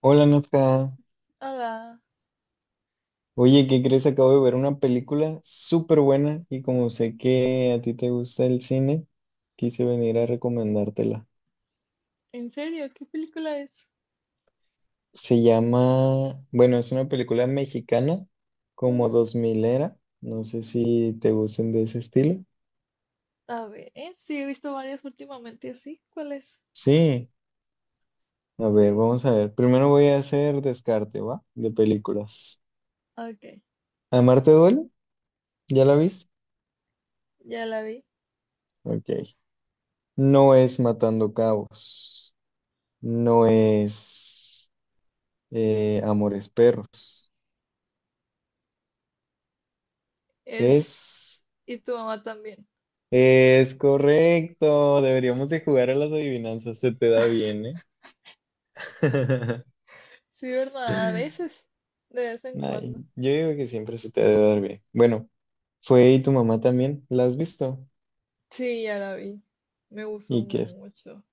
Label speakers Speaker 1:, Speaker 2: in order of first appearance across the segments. Speaker 1: Hola Nazca,
Speaker 2: Hola,
Speaker 1: oye, ¿qué crees? Acabo de ver una película súper buena y como sé que a ti te gusta el cine, quise venir a recomendártela.
Speaker 2: ¿en serio? ¿Qué película es?
Speaker 1: Se llama, bueno, es una película mexicana, como
Speaker 2: Ujú.
Speaker 1: 2000 era, no sé si te gusten de ese estilo.
Speaker 2: A ver, sí, he visto varias últimamente, ¿sí? ¿Cuál es?
Speaker 1: Sí, a ver,
Speaker 2: Sí,
Speaker 1: vamos a ver. Primero voy a hacer descarte, ¿va? De películas.
Speaker 2: ok,
Speaker 1: ¿Amarte duele? ¿Ya la viste?
Speaker 2: ya la vi.
Speaker 1: Ok. No es Matando Cabos. No es. Amores Perros. Es,
Speaker 2: Es... Y tu mamá también.
Speaker 1: es correcto. Deberíamos de jugar a las adivinanzas. Se te da bien, ¿eh?
Speaker 2: Sí, ¿verdad? A veces, de vez en
Speaker 1: Ay,
Speaker 2: cuando.
Speaker 1: yo digo que siempre se te debe dar bien. Bueno, fue y tu mamá también. ¿La has visto?
Speaker 2: Sí, ya la vi. Me gustó
Speaker 1: ¿Y qué,
Speaker 2: mucho.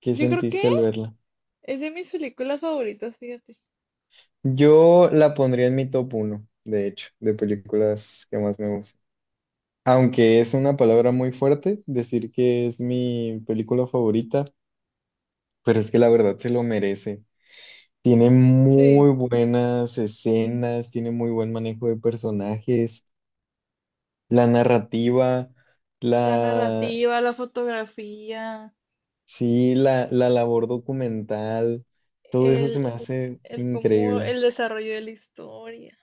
Speaker 1: qué
Speaker 2: Yo creo que
Speaker 1: sentiste al verla?
Speaker 2: es de mis películas favoritas, fíjate.
Speaker 1: Yo la pondría en mi top uno de hecho, de películas que más me gustan. Aunque es una palabra muy fuerte decir que es mi película favorita, pero es que la verdad se lo merece. Tiene muy
Speaker 2: Sí,
Speaker 1: buenas escenas, tiene muy buen manejo de personajes, la narrativa,
Speaker 2: la
Speaker 1: la,
Speaker 2: narrativa, la fotografía,
Speaker 1: sí, la labor documental, todo eso se me
Speaker 2: el,
Speaker 1: hace
Speaker 2: el cómo,
Speaker 1: increíble.
Speaker 2: el desarrollo de la historia.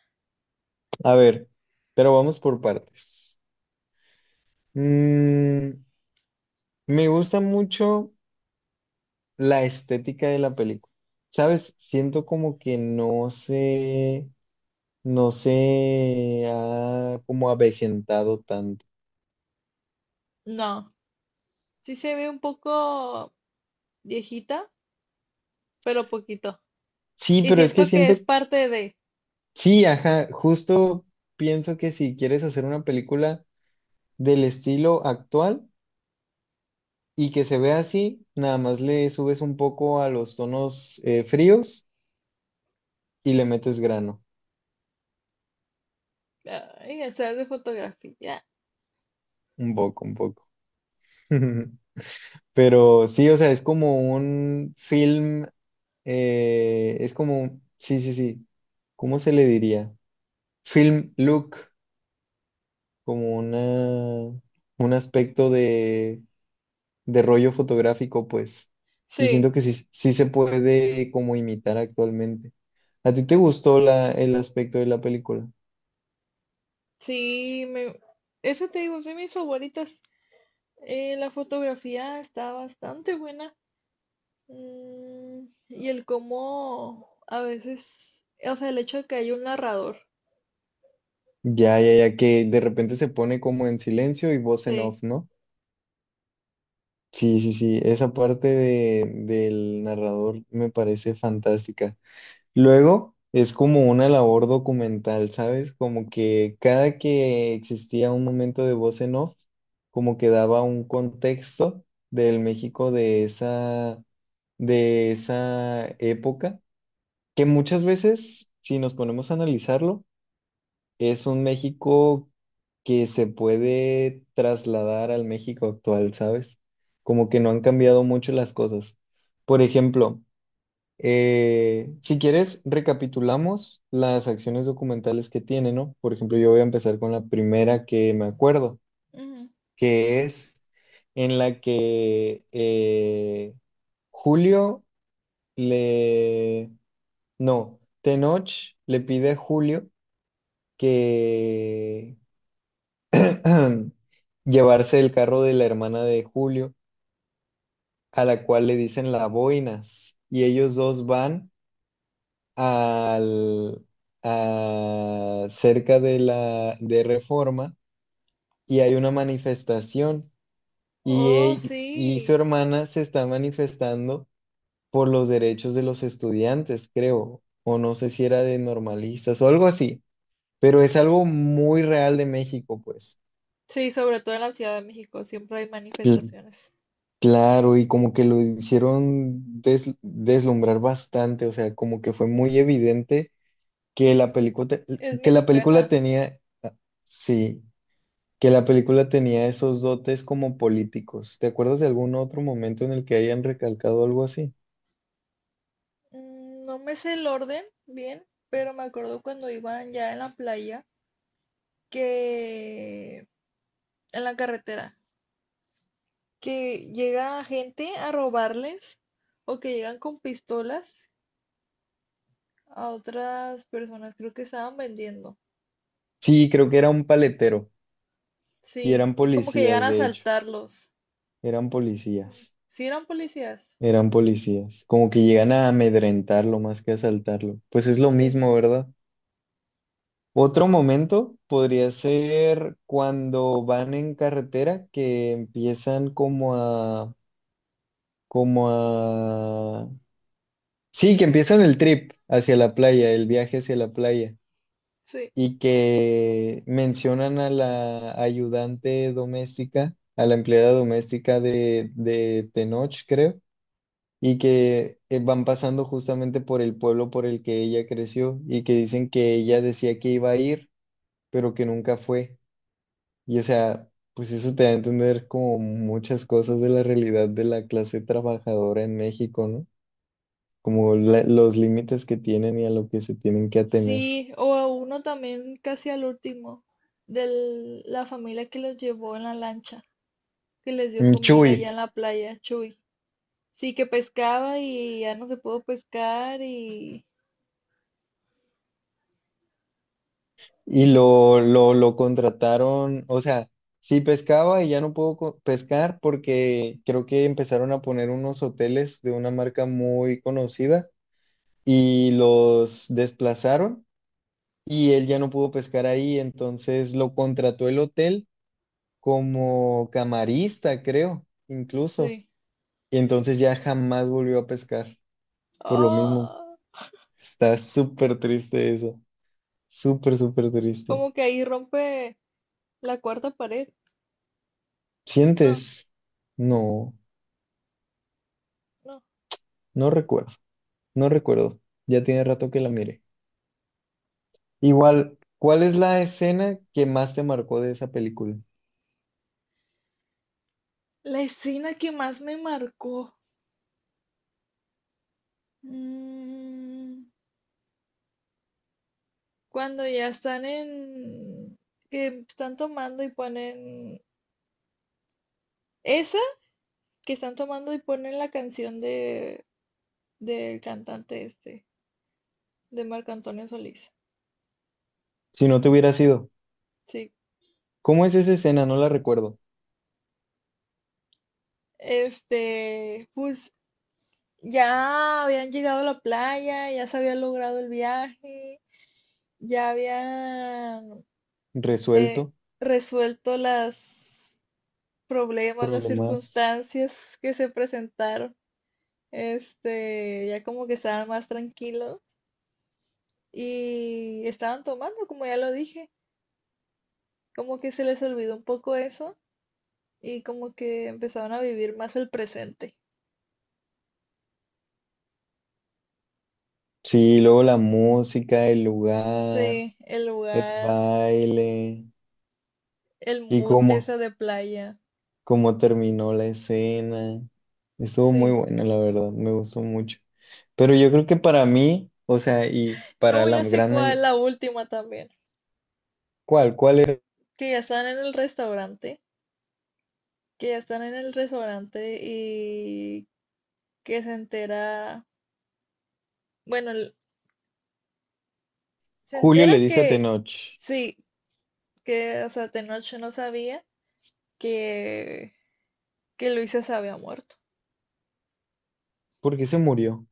Speaker 1: A ver, pero vamos por partes. Mm, me gusta mucho la estética de la película. ¿Sabes? Siento como que no se ha como avejentado tanto.
Speaker 2: No. Sí se ve un poco viejita, pero poquito.
Speaker 1: Sí,
Speaker 2: Y
Speaker 1: pero es que
Speaker 2: siento que es
Speaker 1: siento.
Speaker 2: parte de,
Speaker 1: Sí, ajá, justo pienso que si quieres hacer una película del estilo actual y que se vea así, nada más le subes un poco a los tonos fríos y le metes grano,
Speaker 2: ay, el ser de fotografía.
Speaker 1: un poco, un poco. Pero sí, o sea, es como un film, es como, sí, sí, sí, ¿cómo se le diría? Film look, como una, un aspecto de rollo fotográfico, pues. Y
Speaker 2: Sí,
Speaker 1: siento que sí, sí se puede como imitar actualmente. ¿A ti te gustó el aspecto de la película?
Speaker 2: sí, esa te digo, sí, mis favoritas. La fotografía está bastante buena. Y el cómo a veces, o sea, el hecho de que hay un narrador.
Speaker 1: Ya, ya, ya, que de repente se pone como en silencio y voz en
Speaker 2: Sí.
Speaker 1: off, ¿no? Sí, sí, sí, esa del narrador me parece fantástica. Luego es como una labor documental, ¿sabes? Como que cada que existía un momento de voz en off, como que daba un contexto del México de esa época, que muchas veces, si nos ponemos a analizarlo, es un México que se puede trasladar al México actual, ¿sabes? Como que no han cambiado mucho las cosas. Por ejemplo, si quieres, recapitulamos las acciones documentales que tiene, ¿no? Por ejemplo, yo voy a empezar con la primera que me acuerdo,
Speaker 2: Ujú.
Speaker 1: que es en la que Julio le No, Tenoch le pide a Julio que llevarse el carro de la hermana de Julio, a la cual le dicen la boinas, y ellos dos van al cerca de la de Reforma y hay una manifestación y
Speaker 2: Oh,
Speaker 1: él y su
Speaker 2: sí.
Speaker 1: hermana se está manifestando por los derechos de los estudiantes, creo, o no sé si era de normalistas o algo así. Pero es algo muy real de México, pues.
Speaker 2: Sí, sobre todo en la Ciudad de México siempre hay
Speaker 1: Cl-
Speaker 2: manifestaciones.
Speaker 1: claro, y como que lo hicieron deslumbrar bastante, o sea, como que fue muy evidente que la película,
Speaker 2: Es
Speaker 1: que la película
Speaker 2: mexicana.
Speaker 1: tenía, sí, que la película tenía esos dotes como políticos. ¿Te acuerdas de algún otro momento en el que hayan recalcado algo así?
Speaker 2: No me sé el orden bien, pero me acuerdo cuando iban ya en la playa, que en la carretera, que llega gente a robarles o que llegan con pistolas a otras personas, creo que estaban vendiendo.
Speaker 1: Sí, creo que era un paletero, y
Speaker 2: Sí,
Speaker 1: eran
Speaker 2: y como que llegan
Speaker 1: policías,
Speaker 2: a
Speaker 1: de hecho,
Speaker 2: asaltarlos.
Speaker 1: eran policías.
Speaker 2: Sí, eran policías.
Speaker 1: Eran policías, como que llegan a amedrentarlo más que a asaltarlo. Pues es lo
Speaker 2: Sí,
Speaker 1: mismo, ¿verdad? Otro momento podría ser cuando van en carretera que empiezan como a, sí, que empiezan el trip hacia la playa, el viaje hacia la playa,
Speaker 2: sí.
Speaker 1: y que mencionan a la ayudante doméstica, a la empleada doméstica de Tenoch, creo, y que van pasando justamente por el pueblo por el que ella creció, y que dicen que ella decía que iba a ir, pero que nunca fue. Y o sea, pues eso te da a entender como muchas cosas de la realidad de la clase trabajadora en México, ¿no? Como los límites que tienen y a lo que se tienen que atener.
Speaker 2: Sí, o a uno también casi al último, de la familia que los llevó en la lancha, que les dio
Speaker 1: Mm,
Speaker 2: comida
Speaker 1: Chuy,
Speaker 2: allá en la playa, Chuy. Sí, que pescaba y ya no se pudo pescar y
Speaker 1: y lo contrataron, o sea, sí pescaba y ya no puedo pescar porque creo que empezaron a poner unos hoteles de una marca muy conocida y los desplazaron y él ya no pudo pescar ahí, entonces lo contrató el hotel como camarista, creo, incluso.
Speaker 2: sí.
Speaker 1: Y entonces ya jamás volvió a pescar, por lo mismo.
Speaker 2: Oh,
Speaker 1: Está súper triste eso, súper, súper triste.
Speaker 2: como que ahí rompe la cuarta pared. No,
Speaker 1: ¿Sientes? No,
Speaker 2: no.
Speaker 1: no recuerdo, no recuerdo. Ya tiene rato que la miré. Igual, ¿cuál es la escena que más te marcó de esa película?
Speaker 2: La escena que más me marcó. mm, Cuando ya están en... que están tomando y ponen... Esa que están tomando y ponen la canción de del cantante este, de Marco Antonio Solís.
Speaker 1: Si no te hubiera sido,
Speaker 2: Sí.
Speaker 1: ¿cómo es esa escena? No la recuerdo.
Speaker 2: Este, pues ya habían llegado a la playa, ya se había logrado el viaje, ya habían eh,
Speaker 1: Resuelto,
Speaker 2: resuelto los problemas, las
Speaker 1: problemas.
Speaker 2: circunstancias que se presentaron. Este, ya como que estaban más tranquilos y estaban tomando, como ya lo dije, como que se les olvidó un poco eso y como que empezaron a vivir más el presente.
Speaker 1: Sí, luego la música, el lugar,
Speaker 2: Sí, el
Speaker 1: el
Speaker 2: lugar,
Speaker 1: baile.
Speaker 2: el
Speaker 1: Y
Speaker 2: mood
Speaker 1: cómo,
Speaker 2: esa de playa.
Speaker 1: cómo terminó la escena. Estuvo muy
Speaker 2: Sí.
Speaker 1: buena, la verdad, me gustó mucho. Pero yo creo que para mí, o sea, y para
Speaker 2: No,
Speaker 1: la
Speaker 2: ya sé
Speaker 1: gran
Speaker 2: cuál,
Speaker 1: mayoría.
Speaker 2: la última también.
Speaker 1: ¿Cuál? ¿Cuál era?
Speaker 2: Que ya están en el restaurante, que ya están en el restaurante y que se entera, bueno, el- se
Speaker 1: Julio le
Speaker 2: entera
Speaker 1: dice a
Speaker 2: que
Speaker 1: Tenoch,
Speaker 2: sí, que, o sea, Tenoch no sabía que, que Luisa se había muerto.
Speaker 1: ¿por qué se murió?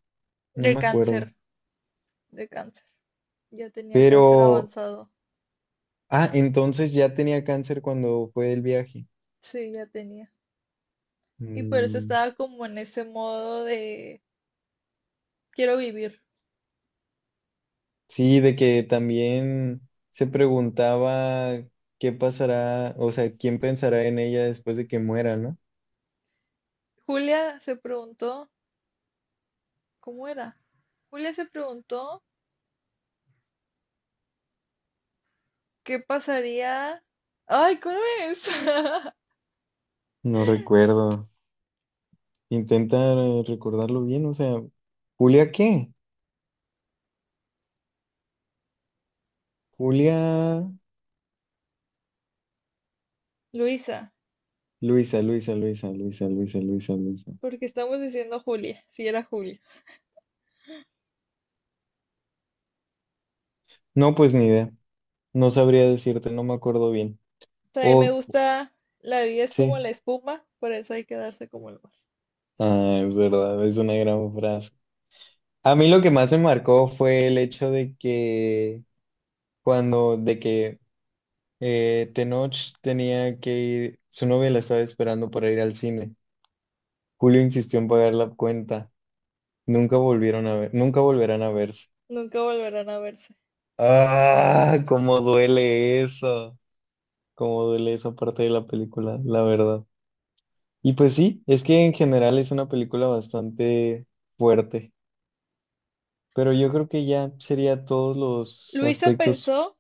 Speaker 1: No
Speaker 2: De
Speaker 1: me
Speaker 2: cáncer,
Speaker 1: acuerdo.
Speaker 2: de cáncer. Ya tenía cáncer
Speaker 1: Pero,
Speaker 2: avanzado.
Speaker 1: ah, entonces ya tenía cáncer cuando fue el viaje.
Speaker 2: Sí, ya tenía. Y por eso
Speaker 1: Mm,
Speaker 2: estaba como en ese modo de quiero vivir.
Speaker 1: sí, de que también se preguntaba qué pasará, o sea, quién pensará en ella después de que muera, ¿no?
Speaker 2: Julia se preguntó, ¿cómo era? Julia se preguntó. ¿Qué pasaría? Ay, ¿cómo es?
Speaker 1: No recuerdo. Intenta recordarlo bien, o sea, ¿Julia qué? Julia,
Speaker 2: Luisa,
Speaker 1: Luisa, Luisa, Luisa, Luisa, Luisa, Luisa, Luisa.
Speaker 2: porque estamos diciendo Julia, si era Julia.
Speaker 1: No, pues ni idea. No sabría decirte, no me acuerdo bien.
Speaker 2: O sea, a mí me
Speaker 1: O
Speaker 2: gusta, la vida es como
Speaker 1: sí.
Speaker 2: la espuma, por eso hay que darse como el mar.
Speaker 1: Ah, es verdad, es una gran frase. A mí lo que más me marcó fue el hecho de que cuando, de que Tenoch tenía que ir, su novia la estaba esperando para ir al cine. Julio insistió en pagar la cuenta. Nunca volvieron a ver, nunca volverán a verse.
Speaker 2: Nunca volverán a verse.
Speaker 1: Ah, cómo duele eso, cómo duele esa parte de la película, la verdad. Y pues sí, es que en general es una película bastante fuerte, pero yo creo que ya sería todos los
Speaker 2: Luisa
Speaker 1: aspectos.
Speaker 2: pensó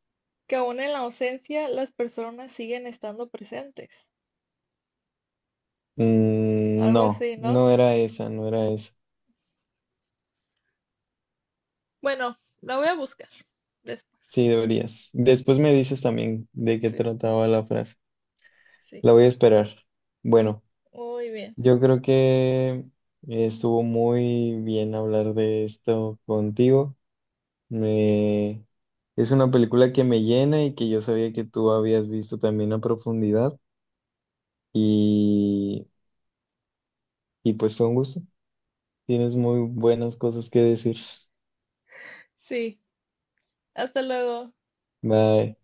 Speaker 2: que aún en la ausencia las personas siguen estando presentes.
Speaker 1: Mm,
Speaker 2: Algo
Speaker 1: no,
Speaker 2: así, ¿no?
Speaker 1: no era esa, no era esa.
Speaker 2: Bueno, la voy a buscar después.
Speaker 1: Sí, deberías. Después me dices también de qué
Speaker 2: Sí,
Speaker 1: trataba la frase.
Speaker 2: sí.
Speaker 1: La voy a esperar. Bueno,
Speaker 2: Muy bien.
Speaker 1: yo creo que estuvo muy bien hablar de esto contigo. Me... Es una película que me llena y que yo sabía que tú habías visto también a profundidad y, y pues fue un gusto. Tienes muy buenas cosas que decir.
Speaker 2: Sí, hasta luego.
Speaker 1: Bye.